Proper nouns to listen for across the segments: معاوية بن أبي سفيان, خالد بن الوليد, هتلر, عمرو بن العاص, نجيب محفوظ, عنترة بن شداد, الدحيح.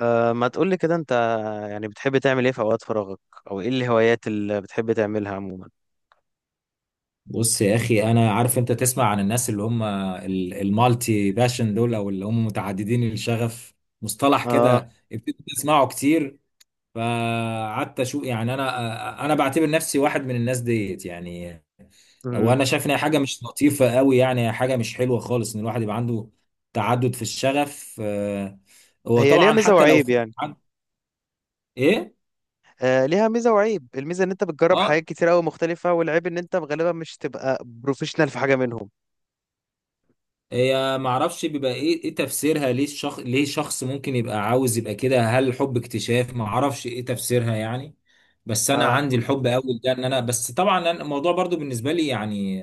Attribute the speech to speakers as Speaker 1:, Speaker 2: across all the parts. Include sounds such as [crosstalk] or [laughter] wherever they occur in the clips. Speaker 1: أه، ما تقولي كده انت. يعني بتحب تعمل ايه في اوقات فراغك؟ او ايه الهوايات اللي بتحب تعملها عموما؟
Speaker 2: بص يا اخي، انا عارف انت تسمع عن الناس اللي هم المالتي باشن دول، او اللي هم متعددين الشغف. مصطلح
Speaker 1: اه.
Speaker 2: كده ابتديت اسمعه كتير، فقعدت اشوف. يعني انا بعتبر نفسي واحد من الناس ديت يعني.
Speaker 1: مم.
Speaker 2: وانا شايف ان هي حاجه مش لطيفه قوي، يعني هي حاجه مش حلوه خالص، ان الواحد يبقى عنده تعدد في الشغف. هو
Speaker 1: هي ليها
Speaker 2: طبعا
Speaker 1: ميزة
Speaker 2: حتى لو
Speaker 1: وعيب
Speaker 2: في
Speaker 1: يعني.
Speaker 2: ايه.
Speaker 1: أه، ليها ميزة وعيب، الميزة ان انت بتجرب
Speaker 2: اه،
Speaker 1: حاجات كتير قوي مختلفة، والعيب ان انت غالبا مش تبقى بروفيشنال في حاجة منهم.
Speaker 2: هي معرفش بيبقى ايه تفسيرها، ليه شخص ممكن يبقى عاوز يبقى كده؟ هل الحب اكتشاف؟ معرفش ايه تفسيرها يعني. بس انا
Speaker 1: اه.
Speaker 2: عندي الحب اول ده ان انا بس، طبعا أنا الموضوع برضو بالنسبه لي يعني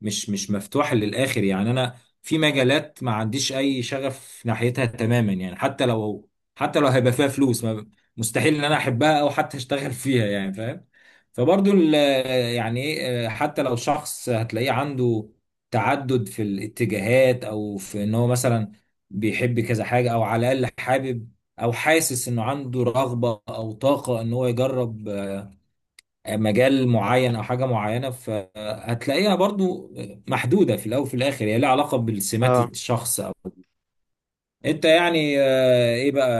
Speaker 2: مش مفتوح للاخر يعني. انا في مجالات ما عنديش اي شغف ناحيتها تماما يعني، حتى لو هيبقى فيها فلوس، مستحيل ان انا احبها او حتى اشتغل [laughs] فيها، يعني فاهم. فبرضو يعني ايه، حتى لو شخص هتلاقيه عنده تعدد في الاتجاهات، او في ان هو مثلا بيحب كذا حاجة، او على الاقل حابب او حاسس انه عنده رغبة او طاقة ان هو يجرب مجال معين او حاجة معينة، فهتلاقيها برضو محدودة. في الاول وفي الاخر هي لها علاقة بالسمات
Speaker 1: اه.
Speaker 2: الشخص او انت يعني. ايه بقى،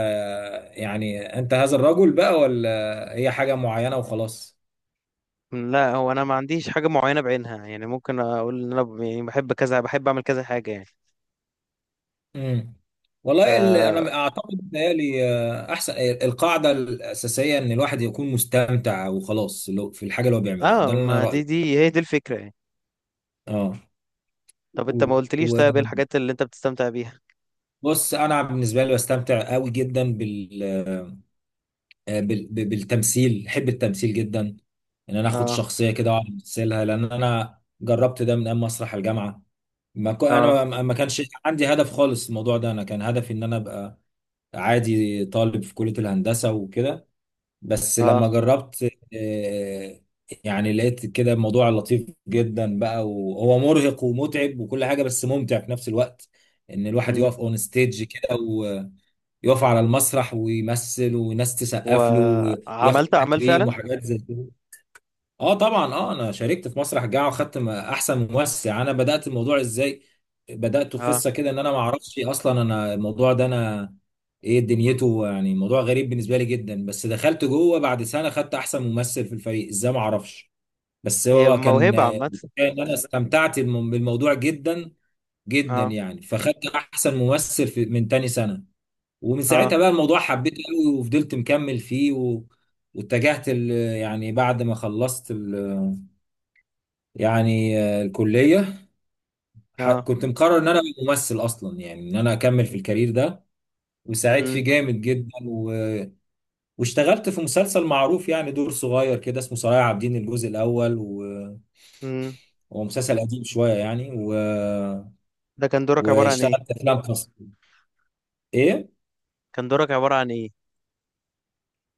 Speaker 2: يعني انت هذا الرجل بقى، ولا هي حاجة معينة وخلاص؟
Speaker 1: مم، لا، هو انا ما عنديش حاجة معينة بعينها، يعني ممكن اقول ان انا يعني بحب كذا، بحب اعمل كذا حاجة يعني.
Speaker 2: امم. والله انا
Speaker 1: اه.
Speaker 2: بس اعتقد بيتهيألي احسن القاعده الاساسيه ان الواحد يكون مستمتع وخلاص، في الحاجه اللي هو بيعملها.
Speaker 1: اه،
Speaker 2: ده اللي
Speaker 1: ما
Speaker 2: انا
Speaker 1: دي
Speaker 2: رايي.
Speaker 1: دي هي دي الفكرة يعني.
Speaker 2: اه.
Speaker 1: طب انت ما قلتليش، طيب ايه الحاجات اللي انت بتستمتع بيها؟
Speaker 2: وبص، انا بالنسبه لي بستمتع قوي جدا بالتمثيل، بحب التمثيل جدا. ان انا اخد
Speaker 1: اه.
Speaker 2: شخصيه كده واقعد امثلها، لان انا جربت ده من ايام مسرح الجامعه. ما كو...
Speaker 1: اه.
Speaker 2: انا ما كانش عندي هدف خالص الموضوع ده. انا كان هدفي ان انا ابقى عادي طالب في كليه الهندسه وكده. بس
Speaker 1: اه.
Speaker 2: لما جربت، آه، يعني لقيت كده الموضوع لطيف جدا بقى، وهو مرهق ومتعب وكل حاجة، بس ممتع في نفس الوقت. ان الواحد يقف اون ستيج كده، ويقف على المسرح ويمثل، والناس تسقف له وياخد
Speaker 1: وعملت اعمال
Speaker 2: تكريم
Speaker 1: فعلا؟
Speaker 2: وحاجات زي كده. اه طبعا، اه انا شاركت في مسرح جاعة، وخدت احسن ممثل. يعني انا بدات الموضوع ازاي؟ بداته في
Speaker 1: اه.
Speaker 2: قصه كده ان انا ما اعرفش اصلا انا الموضوع ده انا ايه دنيته، يعني موضوع غريب بالنسبه لي جدا. بس دخلت جوه، بعد سنه خدت احسن ممثل في الفريق، ازاي ما اعرفش. بس
Speaker 1: هي
Speaker 2: هو كان
Speaker 1: موهبه عامه.
Speaker 2: ان انا استمتعت بالموضوع جدا جدا
Speaker 1: اه.
Speaker 2: يعني، فخدت احسن ممثل في من تاني سنه. ومن
Speaker 1: اه.
Speaker 2: ساعتها بقى الموضوع حبيته قوي، وفضلت مكمل فيه و... واتجهت ال... يعني بعد ما خلصت يعني الكلية،
Speaker 1: اه.
Speaker 2: كنت مقرر ان انا أبقى ممثل اصلا، يعني ان انا اكمل في الكارير ده. وساعدت
Speaker 1: امم.
Speaker 2: فيه جامد جدا و... واشتغلت في مسلسل معروف، يعني دور صغير كده، اسمه صلاح عابدين الجزء الاول و...
Speaker 1: امم.
Speaker 2: هو مسلسل قديم شوية يعني و...
Speaker 1: ده كان دورك عباره عن
Speaker 2: واشتغلت
Speaker 1: ايه؟
Speaker 2: افلام قصيرة. ايه،
Speaker 1: كان دورك عباره عن ايه؟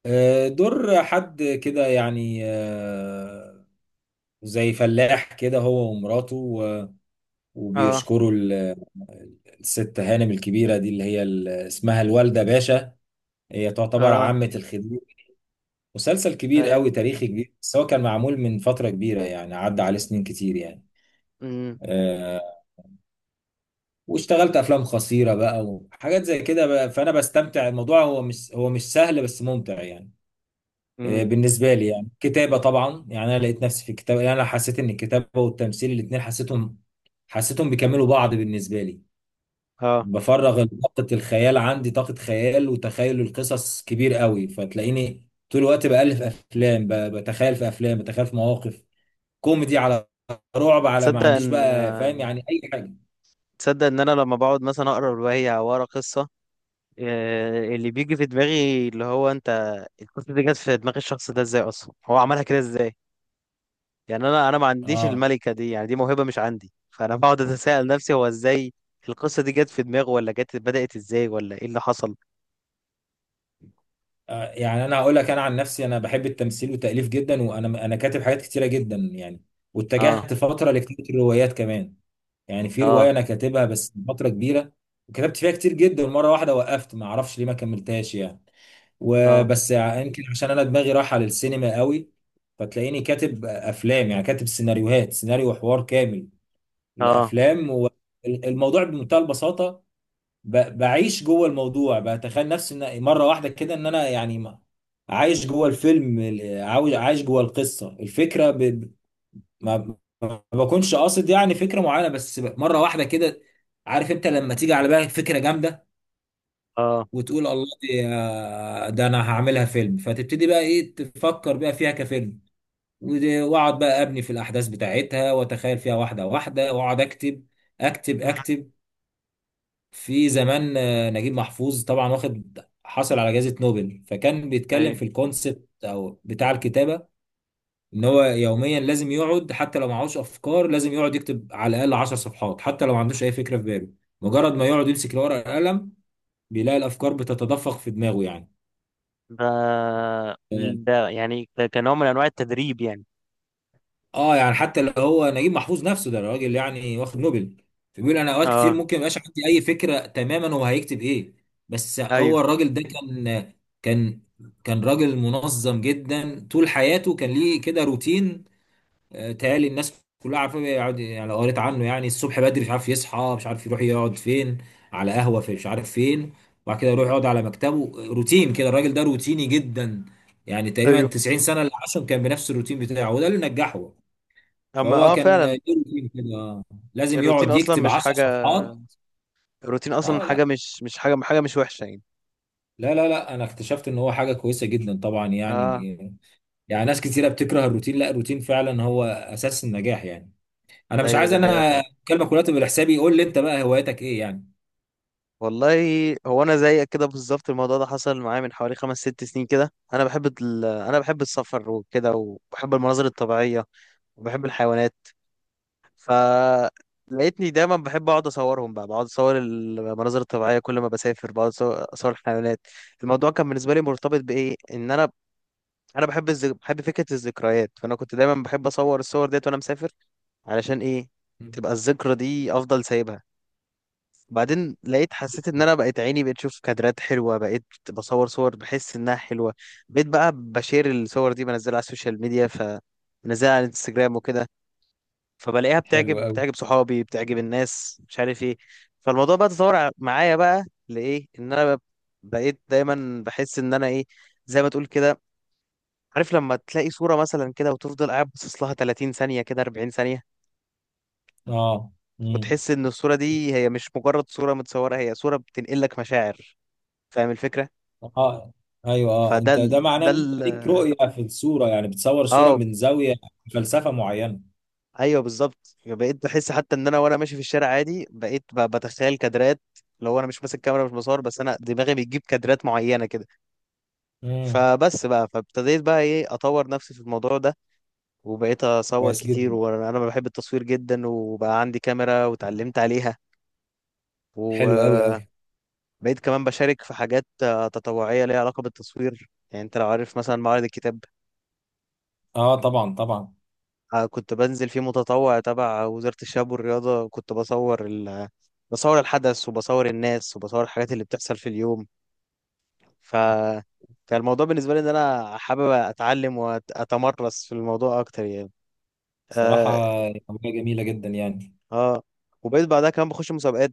Speaker 2: دور حد كده يعني، زي فلاح كده، هو ومراته و...
Speaker 1: اه.
Speaker 2: وبيشكروا ال... الست هانم الكبيرة دي اللي هي اسمها الوالدة باشا، هي تعتبر
Speaker 1: اه.
Speaker 2: عامة الخديوي. مسلسل كبير
Speaker 1: ايوه.
Speaker 2: قوي، تاريخي كبير، بس هو كان معمول من فترة كبيرة، يعني عدى عليه سنين كتير يعني.
Speaker 1: امم.
Speaker 2: آه. واشتغلت افلام قصيرة بقى، وحاجات زي كده بقى، فانا بستمتع. الموضوع هو مش، هو مش سهل، بس ممتع يعني. آه
Speaker 1: امم.
Speaker 2: بالنسبة لي يعني كتابة طبعا. يعني انا لقيت نفسي في الكتابة، يعني انا حسيت ان الكتابة والتمثيل الاتنين حسيتهم بيكملوا بعض بالنسبة لي.
Speaker 1: اه.
Speaker 2: بفرغ طاقة الخيال، عندي طاقة خيال وتخيل القصص كبير قوي، فتلاقيني طول الوقت بألف أفلام، بتخيل في أفلام، بتخيل في مواقف كوميدي، على رعب، على ما
Speaker 1: تصدق
Speaker 2: عنديش
Speaker 1: ان
Speaker 2: بقى فاهم يعني، أي حاجة.
Speaker 1: تصدق ان انا لما بقعد مثلا اقرا روايه او اقرا قصه، اللي بيجي في دماغي اللي هو انت، القصه دي جت في دماغ الشخص ده ازاي؟ اصلا هو عملها كده ازاي؟ يعني انا ما عنديش
Speaker 2: آه.
Speaker 1: الملكه دي، يعني دي موهبه مش عندي، فانا [laughs] بقعد اتساءل نفسي هو ازاي القصه دي جت في دماغه، ولا جت بدات ازاي، ولا ايه اللي حصل.
Speaker 2: يعني أنا هقول لك، أنا عن نفسي أنا بحب التمثيل والتأليف جدا، وأنا كاتب حاجات كتيرة جدا يعني.
Speaker 1: اه.
Speaker 2: واتجهت فترة لكتابة الروايات كمان، يعني في
Speaker 1: اه.
Speaker 2: رواية أنا كاتبها بس فترة كبيرة، وكتبت فيها كتير جدا مرة واحدة، وقفت ما أعرفش ليه، ما كملتهاش يعني.
Speaker 1: اه.
Speaker 2: وبس، يمكن عشان انا دماغي رايحه للسينما قوي، فتلاقيني كاتب افلام، يعني كاتب سيناريوهات، سيناريو وحوار كامل
Speaker 1: اه.
Speaker 2: لافلام. والموضوع بمنتهى البساطه، بعيش جوه الموضوع، بتخيل نفسي ان مره واحده كده ان انا يعني عايش جوه الفيلم، عايش جوه القصه، الفكره ما ما بكونش قاصد يعني فكره معينه، بس مره واحده كده. عارف انت لما تيجي على بالك فكره جامده،
Speaker 1: اه.
Speaker 2: وتقول الله دي، ده انا هعملها فيلم؟ فتبتدي بقى ايه، تفكر بقى فيها كفيلم، واقعد بقى ابني في الاحداث بتاعتها واتخيل فيها واحده واحده، واقعد اكتب اكتب
Speaker 1: مم.
Speaker 2: اكتب في زمان نجيب محفوظ طبعا، واخد، حصل على جائزه نوبل، فكان بيتكلم
Speaker 1: ايوه.
Speaker 2: في الكونسبت او بتاع الكتابه ان هو يوميا لازم يقعد، حتى لو معهوش افكار لازم يقعد يكتب على الاقل 10 صفحات، حتى لو ما عندوش اي فكره في باله. مجرد ما يقعد يمسك الورقه والقلم، بيلاقي الافكار بتتدفق في دماغه يعني.
Speaker 1: ده ده يعني ده كنوع من انواع التدريب يعني.
Speaker 2: اه، يعني حتى اللي هو نجيب محفوظ نفسه ده راجل يعني واخد نوبل، فبيقول انا اوقات كتير
Speaker 1: اه.
Speaker 2: ممكن ميبقاش عندي اي فكره تماما، هو هيكتب ايه؟ بس هو
Speaker 1: ايوه.
Speaker 2: الراجل ده كان، كان، كان راجل منظم جدا. طول حياته كان ليه كده روتين. تهيألي الناس كلها عارفه، بيقعد يعني، لو قريت عنه يعني، الصبح بدري مش عارف يصحى، مش عارف يروح يقعد فين، على قهوه في مش عارف فين، وبعد كده يروح يقعد على مكتبه. روتين كده، الراجل ده روتيني جدا، يعني تقريبا
Speaker 1: ايوه.
Speaker 2: 90 سنه اللي عاشهم كان بنفس الروتين بتاعه، وده اللي نجحه.
Speaker 1: اما
Speaker 2: فهو
Speaker 1: اه
Speaker 2: كان
Speaker 1: فعلا.
Speaker 2: جيركين كده آه. لازم
Speaker 1: الروتين
Speaker 2: يقعد
Speaker 1: اصلا
Speaker 2: يكتب
Speaker 1: مش
Speaker 2: 10
Speaker 1: حاجه،
Speaker 2: صفحات.
Speaker 1: الروتين اصلا
Speaker 2: اه،
Speaker 1: حاجه
Speaker 2: لا
Speaker 1: مش حاجه، حاجه مش وحشه يعني.
Speaker 2: لا لا لا، انا اكتشفت ان هو حاجه كويسه جدا طبعا
Speaker 1: اه.
Speaker 2: يعني. يعني ناس كتيره بتكره الروتين، لا، الروتين فعلا هو اساس النجاح يعني. انا مش
Speaker 1: ايوه،
Speaker 2: عايز
Speaker 1: دي حقيقه
Speaker 2: انا
Speaker 1: فعلا.
Speaker 2: كلمه كلها تبقى لحسابي، قول لي انت بقى هوايتك ايه يعني.
Speaker 1: والله، هو انا زيك كده بالظبط، الموضوع ده حصل معايا من حوالي خمس ست سنين كده. انا بحب انا بحب السفر وكده، وبحب المناظر الطبيعيه، وبحب الحيوانات. ف لقيتني دايما بحب اقعد اصورهم بقى، بقعد اصور المناظر الطبيعيه كل ما بسافر، بقعد أصور الحيوانات. الموضوع كان بالنسبه لي مرتبط بايه؟ ان انا، انا بحب بحب فكره الذكريات، فانا كنت دايما بحب اصور الصور ديت وانا مسافر. علشان ايه؟ تبقى الذكرى دي افضل سايبها. بعدين لقيت، حسيت ان انا بقيت عيني بقيت اشوف كادرات حلوه، بقيت بصور صور بحس انها حلوه. بقيت بقى بشير الصور دي، بنزلها على السوشيال ميديا، فبنزلها على الانستجرام وكده، فبلاقيها
Speaker 2: حلو
Speaker 1: بتعجب
Speaker 2: قوي.
Speaker 1: بتعجب صحابي، بتعجب الناس، مش عارف ايه. فالموضوع بقى تطور معايا بقى لايه، ان انا بقيت دايما بحس ان انا ايه، زي ما تقول كده، عارف لما تلاقي صورة مثلا كده وتفضل قاعد باصص لها 30 ثانية كده، 40 ثانية،
Speaker 2: اه. امم.
Speaker 1: وتحس ان الصورة دي هي مش مجرد صورة متصورة، هي صورة بتنقل لك مشاعر. فاهم الفكرة؟
Speaker 2: اه. ايوه، اه
Speaker 1: فده
Speaker 2: انت
Speaker 1: ال...
Speaker 2: ده معناه
Speaker 1: ده
Speaker 2: ان
Speaker 1: ال...
Speaker 2: انت ليك رؤيه في الصوره، يعني بتصور الصوره
Speaker 1: اه،
Speaker 2: من زاويه فلسفه معينه.
Speaker 1: ايوه، بالظبط، بقيت بحس حتى ان انا وانا ماشي في الشارع عادي بقيت بتخيل كادرات، لو انا مش ماسك كاميرا، مش بصور، بس انا دماغي بتجيب كادرات معينه كده.
Speaker 2: امم.
Speaker 1: فبس بقى، فابتديت بقى ايه اطور نفسي في الموضوع ده، وبقيت اصور
Speaker 2: كويس
Speaker 1: كتير،
Speaker 2: جدا.
Speaker 1: وانا بحب التصوير جدا، وبقى عندي كاميرا وتعلمت عليها.
Speaker 2: حلو قوي قوي.
Speaker 1: وبقيت كمان بشارك في حاجات تطوعيه ليها علاقه بالتصوير، يعني انت لو عارف مثلا معرض الكتاب،
Speaker 2: اه طبعا طبعا.
Speaker 1: كنت بنزل فيه متطوع تبع وزارة الشباب والرياضة، كنت بصور بصور الحدث، وبصور الناس، وبصور الحاجات اللي بتحصل في اليوم. ف كان الموضوع بالنسبة لي إن أنا حابب أتعلم وأتمرس في الموضوع أكتر يعني.
Speaker 2: صراحة
Speaker 1: آه,
Speaker 2: هواية جميلة جدا يعني.
Speaker 1: آه. وبقيت بعدها كمان بخش مسابقات،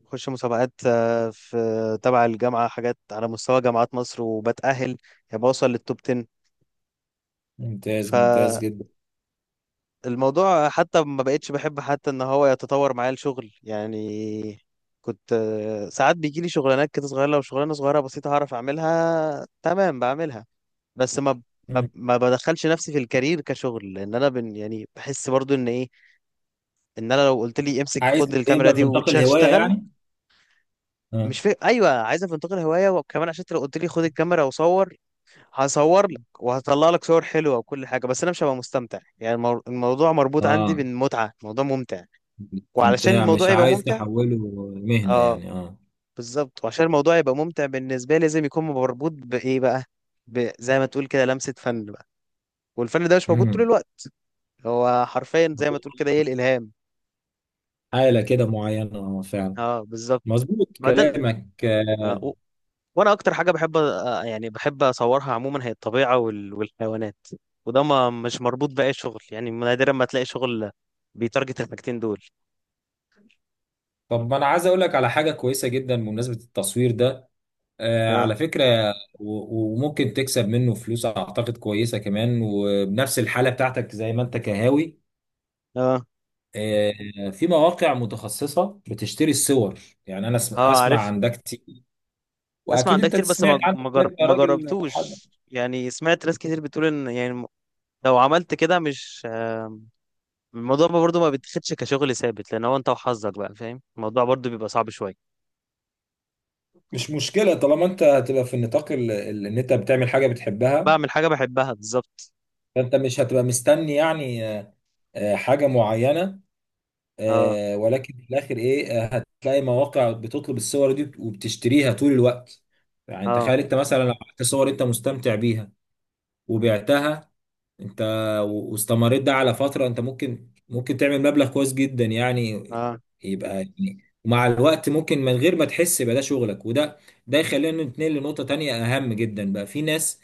Speaker 1: في تبع الجامعة حاجات على مستوى جامعات مصر، وبتأهل يعني، بوصل للتوب
Speaker 2: ممتاز ممتاز
Speaker 1: 10.
Speaker 2: جدا.
Speaker 1: الموضوع حتى ما بقتش بحب حتى ان هو يتطور معايا الشغل يعني، كنت ساعات بيجي لي شغلانات كده صغيره، لو شغلانه صغيره بسيطه هعرف اعملها تمام بعملها. بس
Speaker 2: مم.
Speaker 1: ما بدخلش نفسي في الكارير كشغل، لان انا بن يعني بحس برضو ان ايه، ان انا لو قلت لي امسك،
Speaker 2: عايز
Speaker 1: خد الكاميرا
Speaker 2: يبقى
Speaker 1: دي
Speaker 2: في نطاق الهواية
Speaker 1: واشتغل،
Speaker 2: يعني، اه.
Speaker 1: مش في، ايوه، عايز انتقل هوايه، وكمان عشان انت لو قلت لي خد الكاميرا وصور، هصور لك وهطلع لك صور حلوه وكل حاجه، بس انا مش هبقى مستمتع يعني. الموضوع مربوط عندي
Speaker 2: اه.
Speaker 1: بالمتعه، الموضوع ممتع، وعلشان
Speaker 2: استمتاع،
Speaker 1: الموضوع
Speaker 2: مش
Speaker 1: يبقى
Speaker 2: عايز
Speaker 1: ممتع،
Speaker 2: تحوله مهنة
Speaker 1: اه
Speaker 2: يعني، اه.
Speaker 1: بالظبط، وعشان الموضوع يبقى ممتع بالنسبه لي لازم يكون مربوط بايه بقى؟ زي ما تقول كده لمسه فن بقى، والفن ده مش موجود طول
Speaker 2: امم.
Speaker 1: الوقت، هو حرفيا زي ما تقول كده ايه الالهام.
Speaker 2: حالة كده معينة، اه فعلا.
Speaker 1: اه بالظبط.
Speaker 2: مظبوط
Speaker 1: بعدين،
Speaker 2: كلامك.
Speaker 1: آه و... وانا اكتر حاجه بحب يعني بحب اصورها عموما هي الطبيعه والحيوانات، وده ما مش مربوط باي شغل، يعني نادرا ما تلاقي شغل بيتارجت الحاجتين دول.
Speaker 2: طب ما انا عايز اقول لك على حاجة كويسة جدا بمناسبة التصوير ده،
Speaker 1: اه.
Speaker 2: على فكرة، وممكن تكسب منه فلوس اعتقد كويسة كمان، وبنفس الحالة بتاعتك زي ما انت كهاوي.
Speaker 1: اه.
Speaker 2: في مواقع متخصصة بتشتري الصور، يعني أنا
Speaker 1: اه،
Speaker 2: أسمع
Speaker 1: عارف،
Speaker 2: عن ده كتير،
Speaker 1: اسمع
Speaker 2: وأكيد
Speaker 1: عن ده
Speaker 2: أنت
Speaker 1: كتير بس
Speaker 2: سمعت عنه كتير يا
Speaker 1: ما
Speaker 2: راجل حب.
Speaker 1: جربتوش يعني، سمعت ناس كتير بتقول ان يعني لو عملت كده مش، الموضوع ما برضو ما بيتاخدش كشغل ثابت، لان هو انت وحظك بقى، فاهم، الموضوع برضو بيبقى صعب شويه.
Speaker 2: مش مشكلة طالما أنت هتبقى في النطاق، إن أنت بتعمل حاجة بتحبها.
Speaker 1: بعمل حاجه بحبها بالظبط.
Speaker 2: فأنت مش هتبقى مستني يعني، حاجة معينة.
Speaker 1: اه.
Speaker 2: ولكن في الآخر إيه، هتلاقي مواقع بتطلب الصور دي وبتشتريها طول الوقت. يعني
Speaker 1: اه.
Speaker 2: تخيل أنت مثلا لو عملت صور أنت مستمتع بيها وبعتها انت، واستمريت ده على فترة، انت ممكن، تعمل مبلغ كويس جدا يعني.
Speaker 1: اه.
Speaker 2: يبقى يعني، ومع الوقت ممكن من غير ما تحس يبقى ده شغلك. وده، ده يخلينا نتنقل لنقطة تانية أهم جدا. بقى في ناس،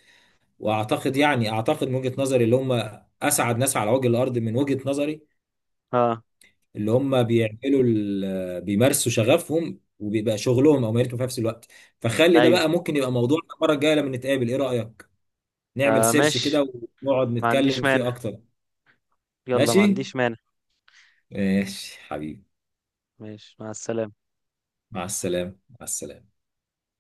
Speaker 2: وأعتقد يعني، أعتقد من وجهة نظري، اللي هم أسعد ناس على وجه الأرض من وجهة نظري،
Speaker 1: اه.
Speaker 2: اللي هم بيعملوا بيمارسوا شغفهم وبيبقى شغلهم أو مهنتهم في نفس الوقت. فخلي ده
Speaker 1: ايوه.
Speaker 2: بقى ممكن يبقى موضوع المرة الجاية لما نتقابل، إيه رأيك؟ نعمل
Speaker 1: آه،
Speaker 2: سيرش
Speaker 1: ماشي.
Speaker 2: كده، ونقعد
Speaker 1: ما عنديش
Speaker 2: نتكلم فيه
Speaker 1: مانع.
Speaker 2: أكتر.
Speaker 1: يلا، ما
Speaker 2: ماشي؟
Speaker 1: عنديش مانع.
Speaker 2: ماشي حبيبي.
Speaker 1: ماشي، مع السلامه.
Speaker 2: مع السلامة، مع السلامة.